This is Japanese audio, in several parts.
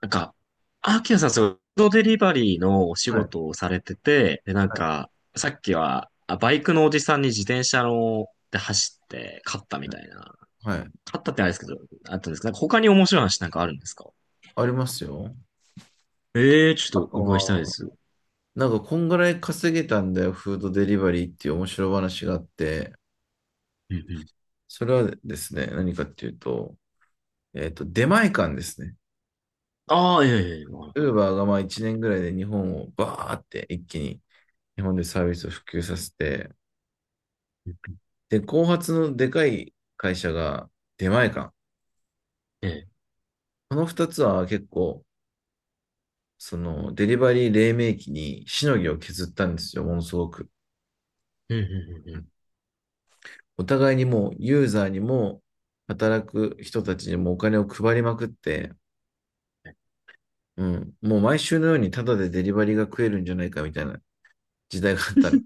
なんか、アキラさん、そう、フードデリバリーのお仕はい。事をされてて、で、なんはい。か、さっきは、あ、バイクのおじさんに自転車の、で走って、勝ったみうん、たいな。はい。勝ったってあれですけど、あったんですか？なんか他に面白い話なんかあるんですか？ありますよ。ええー、ちあょっととお伺いしたいでは、す。うなんか、こんぐらい稼げたんだよ、フードデリバリーっていう面白い話があって、んうん。それはですね、何かっていうと、出前館ですね。ああ、ええ、ええ、わかウーバーがまあ1年ぐらいで日本をバーって一気に日本でサービスを普及させて、る。で、後発のでかい会社が出前館。ええ、この2つは結構、そのデリバリー黎明期にしのぎを削ったんですよ、ものすごく。うんうんうんうん。お互いにもうユーザーにも働く人たちにもお金を配りまくって、うん、もう毎週のようにタダでデリバリーが食えるんじゃないかみたいな時代があったん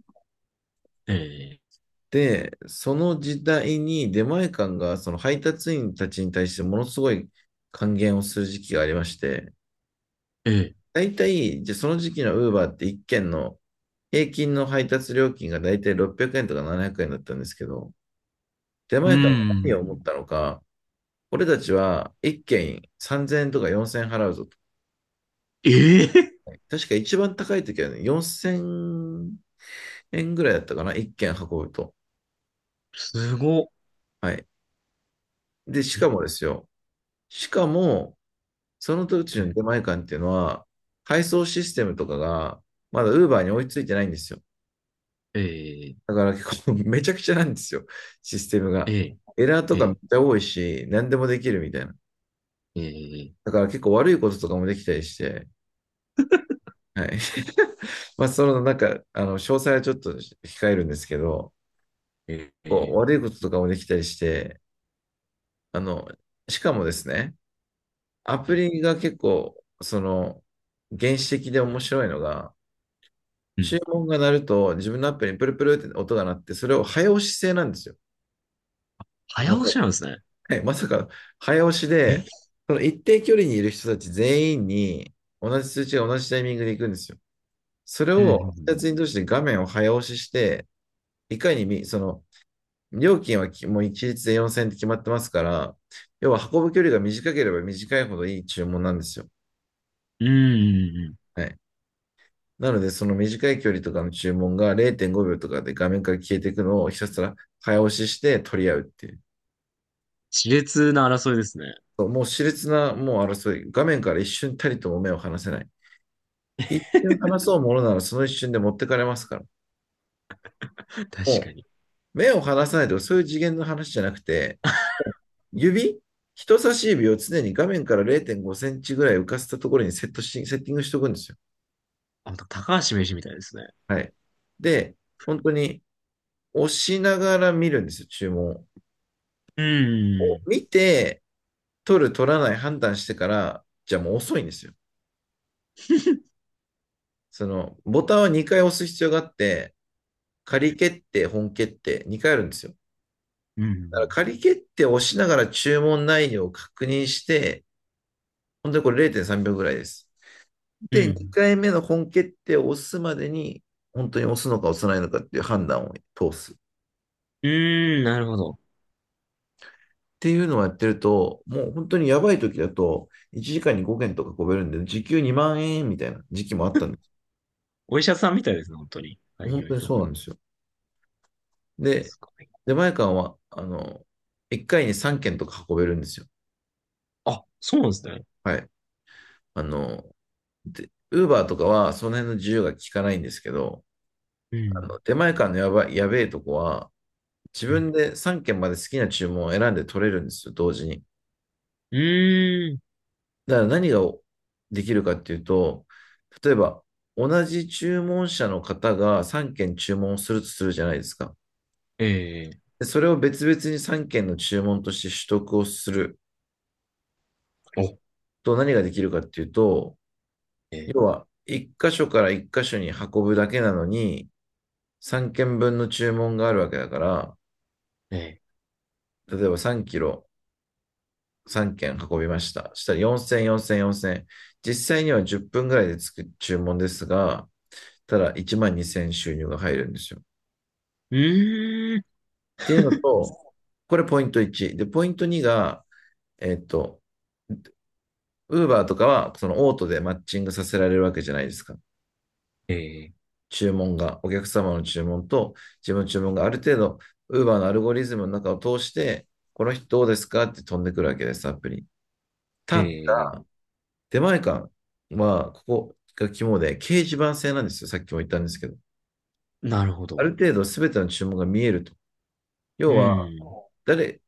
えで、その時代に出前館がその配達員たちに対してものすごい還元をする時期がありまして、え、ええ、大体、じゃあその時期のウーバーって一件の平均の配達料金が大体600円とか700円だったんですけど、出う前館が何を思ん。ったのか、俺たちは1軒3000円とか4000円払うぞと。ええ、確か一番高い時はね、4000円ぐらいだったかな、1軒運ぶと。すごっ。はい。で、しかえ、もですよ。しかも、その時のえ出前館っていうのは、配送システムとかが、まだ Uber に追いついてないんですよ。え、ええ、だから結構 めちゃくちゃなんですよ、システムが。ええ、エラーとえかめっえ、ちゃ多いし、何でもできるみたいな。ええ、だから結構悪いこととかもできたりして、はい。まあ、その、なんか、あの、詳細はちょっと控えるんですけど、えこう、え、え悪いこととかもできたりして、あの、しかもですね、アプえ、リが結構、その、原始的で面白いのが、うん。注文が鳴ると、自分のアプリにプルプルって音が鳴って、それを早押し制なんですよ。早まさ押しなんか、ですね。はい、まさか早押しえ、で、その一定距離にいる人たち全員に、同じ通知が同じタイミングで行くんですよ。それうを、2んつに通して画面を早押しして、いかにその、料金はきもう一律で4000円って決まってますから、要は運ぶ距離が短ければ短いほどいい注文なんですよ。うんうんうんうんうんうん。はい。なので、その短い距離とかの注文が0.5秒とかで画面から消えていくのをひたすら早押しして取り合うっていう。熾烈な争いですね。そう、もう熾烈な、もう争い。画面から一瞬たりとも目を離せない。一瞬離そうものならその一瞬で持ってかれますから。確かもに。目を離さないとかそういう次元の話じゃなくて、指、人差し指を常に画面から0.5センチぐらい浮かせたところにセットし、セッティングしておくんですよ。あ、高橋名人みたいですね。はい。で、本当に押しながら見るんですよ、注文を。うん見て、取る、取らない判断してから、じゃあもう遅いんですよ。その、ボタンは2回押す必要があって、仮決定、本決定、2回あるんですよ。うんうだからん仮決定を押しながら注文内容を確認して、本当にこれ0.3秒ぐらいです。うん。うで、ん2回目の本決定を押すまでに、本当に押すのか押さないのかっていう判断を通す。っーん、なるほど。ていうのをやってると、もう本当にやばい時だと、1時間に5件とかこべるんで、時給2万円みたいな時期もあったんです。お医者さんみたいですね、本当に。はい、い本ろ当いにろ。そうなんですよ。で、すごい。出前館は、あの、1回に3件とか運べるんですよ。あ、そうなんですね。はい。あの、で、ウーバーとかはその辺の自由が効かないんですけど、うあん。の出前館のやばい、やべえとこは、自うん。分で3件まで好きな注文を選んで取れるんですよ、同時に。うーん。だから何ができるかっていうと、例えば、同じ注文者の方が3件注文をするとするじゃないですか。ええ、でそれを別々に3件の注文として取得をするお、と何ができるかっていうと、え要は、1箇所から1箇所に運ぶだけなのに、3件分の注文があるわけだから、ー、え例えば3キロ3件運びました。したら4000、4000、4000。実際には10分ぐらいでつく注文ですが、ただ1万2000収入が入るんですよ。ー、うーん。っていうのと、これポイント1。で、ポイント2が、えっと、ウーバーとかは、そのオートでマッチングさせられるわけじゃないですか。えー、注文が、お客様の注文と自分の注文がある程度、ウーバーのアルゴリズムの中を通して、この人どうですかって飛んでくるわけです、アプリ。ただ、ええ、出前館は、ここが肝で、掲示板制なんですよ。さっきも言ったんですけど。なるほあるど。程度、すべての注文が見えると。う要は、ん。誰、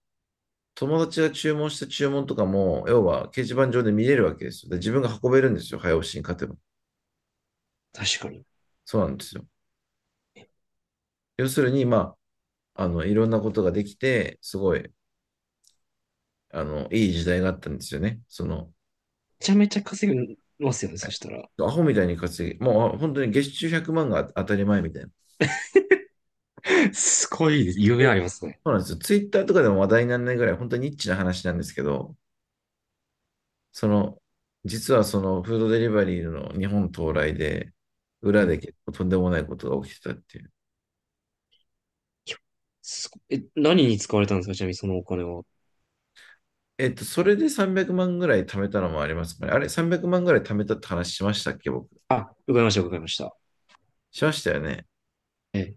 友達が注文した注文とかも、要は掲示板上で見れるわけですよ。で、自分が運べるんですよ。早押しに勝てば。確かに。めそうなんですよ。要するに、まあ、あの、いろんなことができて、すごい、あの、いい時代があったんですよね。その、ちゃめちゃ稼ぎますよね、はそい、したら。アホみたいに稼ぎ、もう本当に月収100万が当たり前みたいな。すごい夢ありますね。そうなんですよ。ツイッターとかでも話題にならないぐらい、本当にニッチな話なんですけど、その、実はそのフードデリバリーの日本到来で、裏え、で結構とんでもないことが起きてたっていう。すごえ、何に使われたんですか、ちなみにそのお金は？それで300万ぐらい貯めたのもありますかね。あれ、300万ぐらい貯めたって話しましたっけ、僕。あ、伺いました、伺いました。しましたよね。え、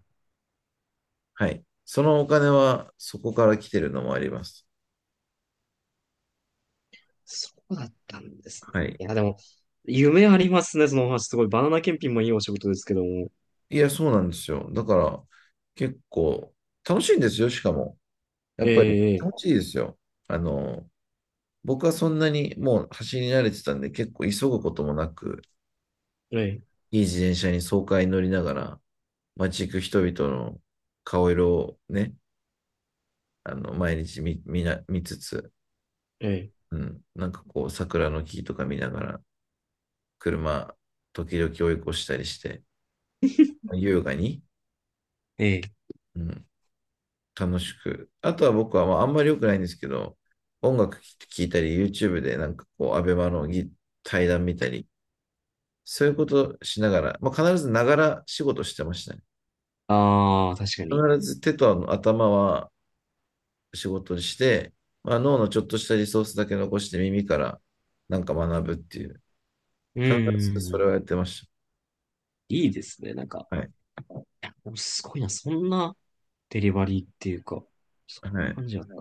はい。そのお金はそこから来てるのもあります。そうだったんですね。はい。いや、でも、夢ありますね、そのお話。すごい。バナナ検品もいいお仕事ですけども。いや、そうなんですよ。だから、結構、楽しいんですよ、しかも。やえっぱり、楽ええしいですよ。あの、僕はそんなにもう走り慣れてたんで、結構急ぐこともなく、えいい自転車に爽快に乗りながら、街行く人々の顔色をね、あの、毎日見つつ、ええうん、なんかこう、桜の木とか見ながら、車、時々追い越したりして、優雅に、ええ、うん、楽しく。あとは僕は、まあ、あんまり良くないんですけど、音楽聴いたり、YouTube でなんかこう、アベマの対談見たり、そういうことしながら、まあ、必ずながら仕事してましたね。あ あー、確かに。必ず手とあの頭は仕事にして、まあ、脳のちょっとしたリソースだけ残して耳からなんか学ぶっていう、う必ずそーれん。をやってましいいですね、なんか。た。はい。いや、でもすごいな、そんなデリバリーっていうか、そんはない。感じだった。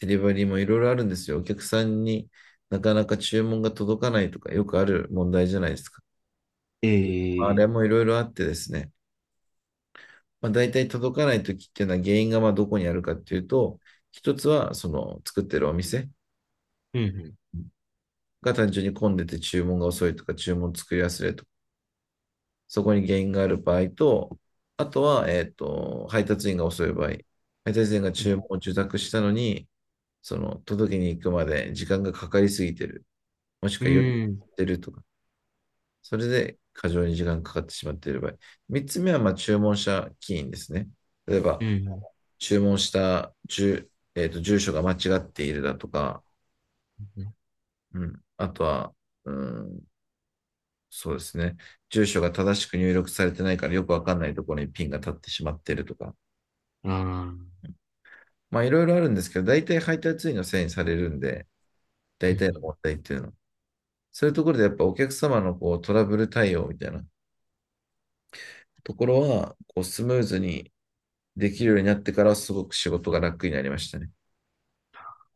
デリバリーもいろいろあるんですよ。お客さんになかなか注文が届かないとか、よくある問題じゃないですか。まあえれえ、もいろいろあってですね、まあ、大体届かないときっていうのは原因がまあどこにあるかっていうと、一つはその作ってるお店が単純に混んでて注文が遅いとか、注文作り忘れとか、そこに原因がある場合と、あとは、配達員が遅い場合、配達員がう注文ん、を受託したのに、その届けに行くまで時間がかかりすぎてる、もしうくは夜やん、っうん、てるとかそれで過剰に時間かかってしまっている場合。3つ目はまあ注文者起因ですね。例えば、うん。注文した住,、えー、と住所が間違っているだとか、ね、うん、あとは、うん、そうですね、住所が正しく入力されてないからよくわかんないところにピンが立ってしまっているとか、ああ、うんまあいろいろあるんですけど、大体配達員のせいにされるんで、う大体のん、問題っていうのは。そういうところでやっぱお客様のこうトラブル対応みたいなところは、こうスムーズにできるようになってからすごく仕事が楽になりましたね。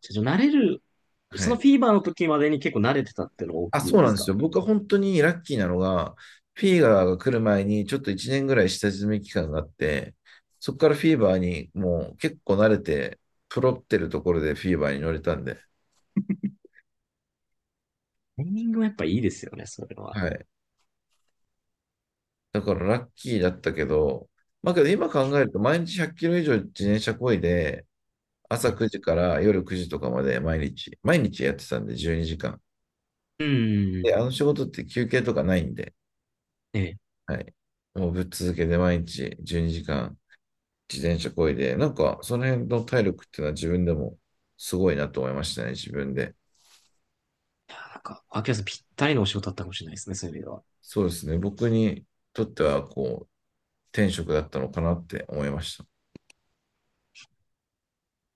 じゃあ慣れる、はそのい。フィーバーの時までに結構慣れてたっていうのが大あ、きいそんうでなんすですか？よ。僕は本当にラッキーなのが、フィーバーが来る前にちょっと1年ぐらい下積み期間があって、そこからフィーバーにもう結構慣れて、プロってるところでフィーバーに乗れたんで、タイミングもやっぱいいですよね、それは。はい。だからラッキーだったけど、まあけど今考えると毎日100キロ以上自転車漕いで、朝9ね、時から夜9時とかまで毎日、毎日やってたんで12時間。うんうんうん。で、あの仕事って休憩とかないんで、ええ。はい。もうぶっ続けて毎日12時間自転車こいで、なんかその辺の体力っていうのは自分でもすごいなと思いましたね、自分で。あ、なんか、秋山さんぴったりのお仕事だったかもしれないですね、そういう意味では。そうですね、僕にとってはこう、天職だったのかなって思いました。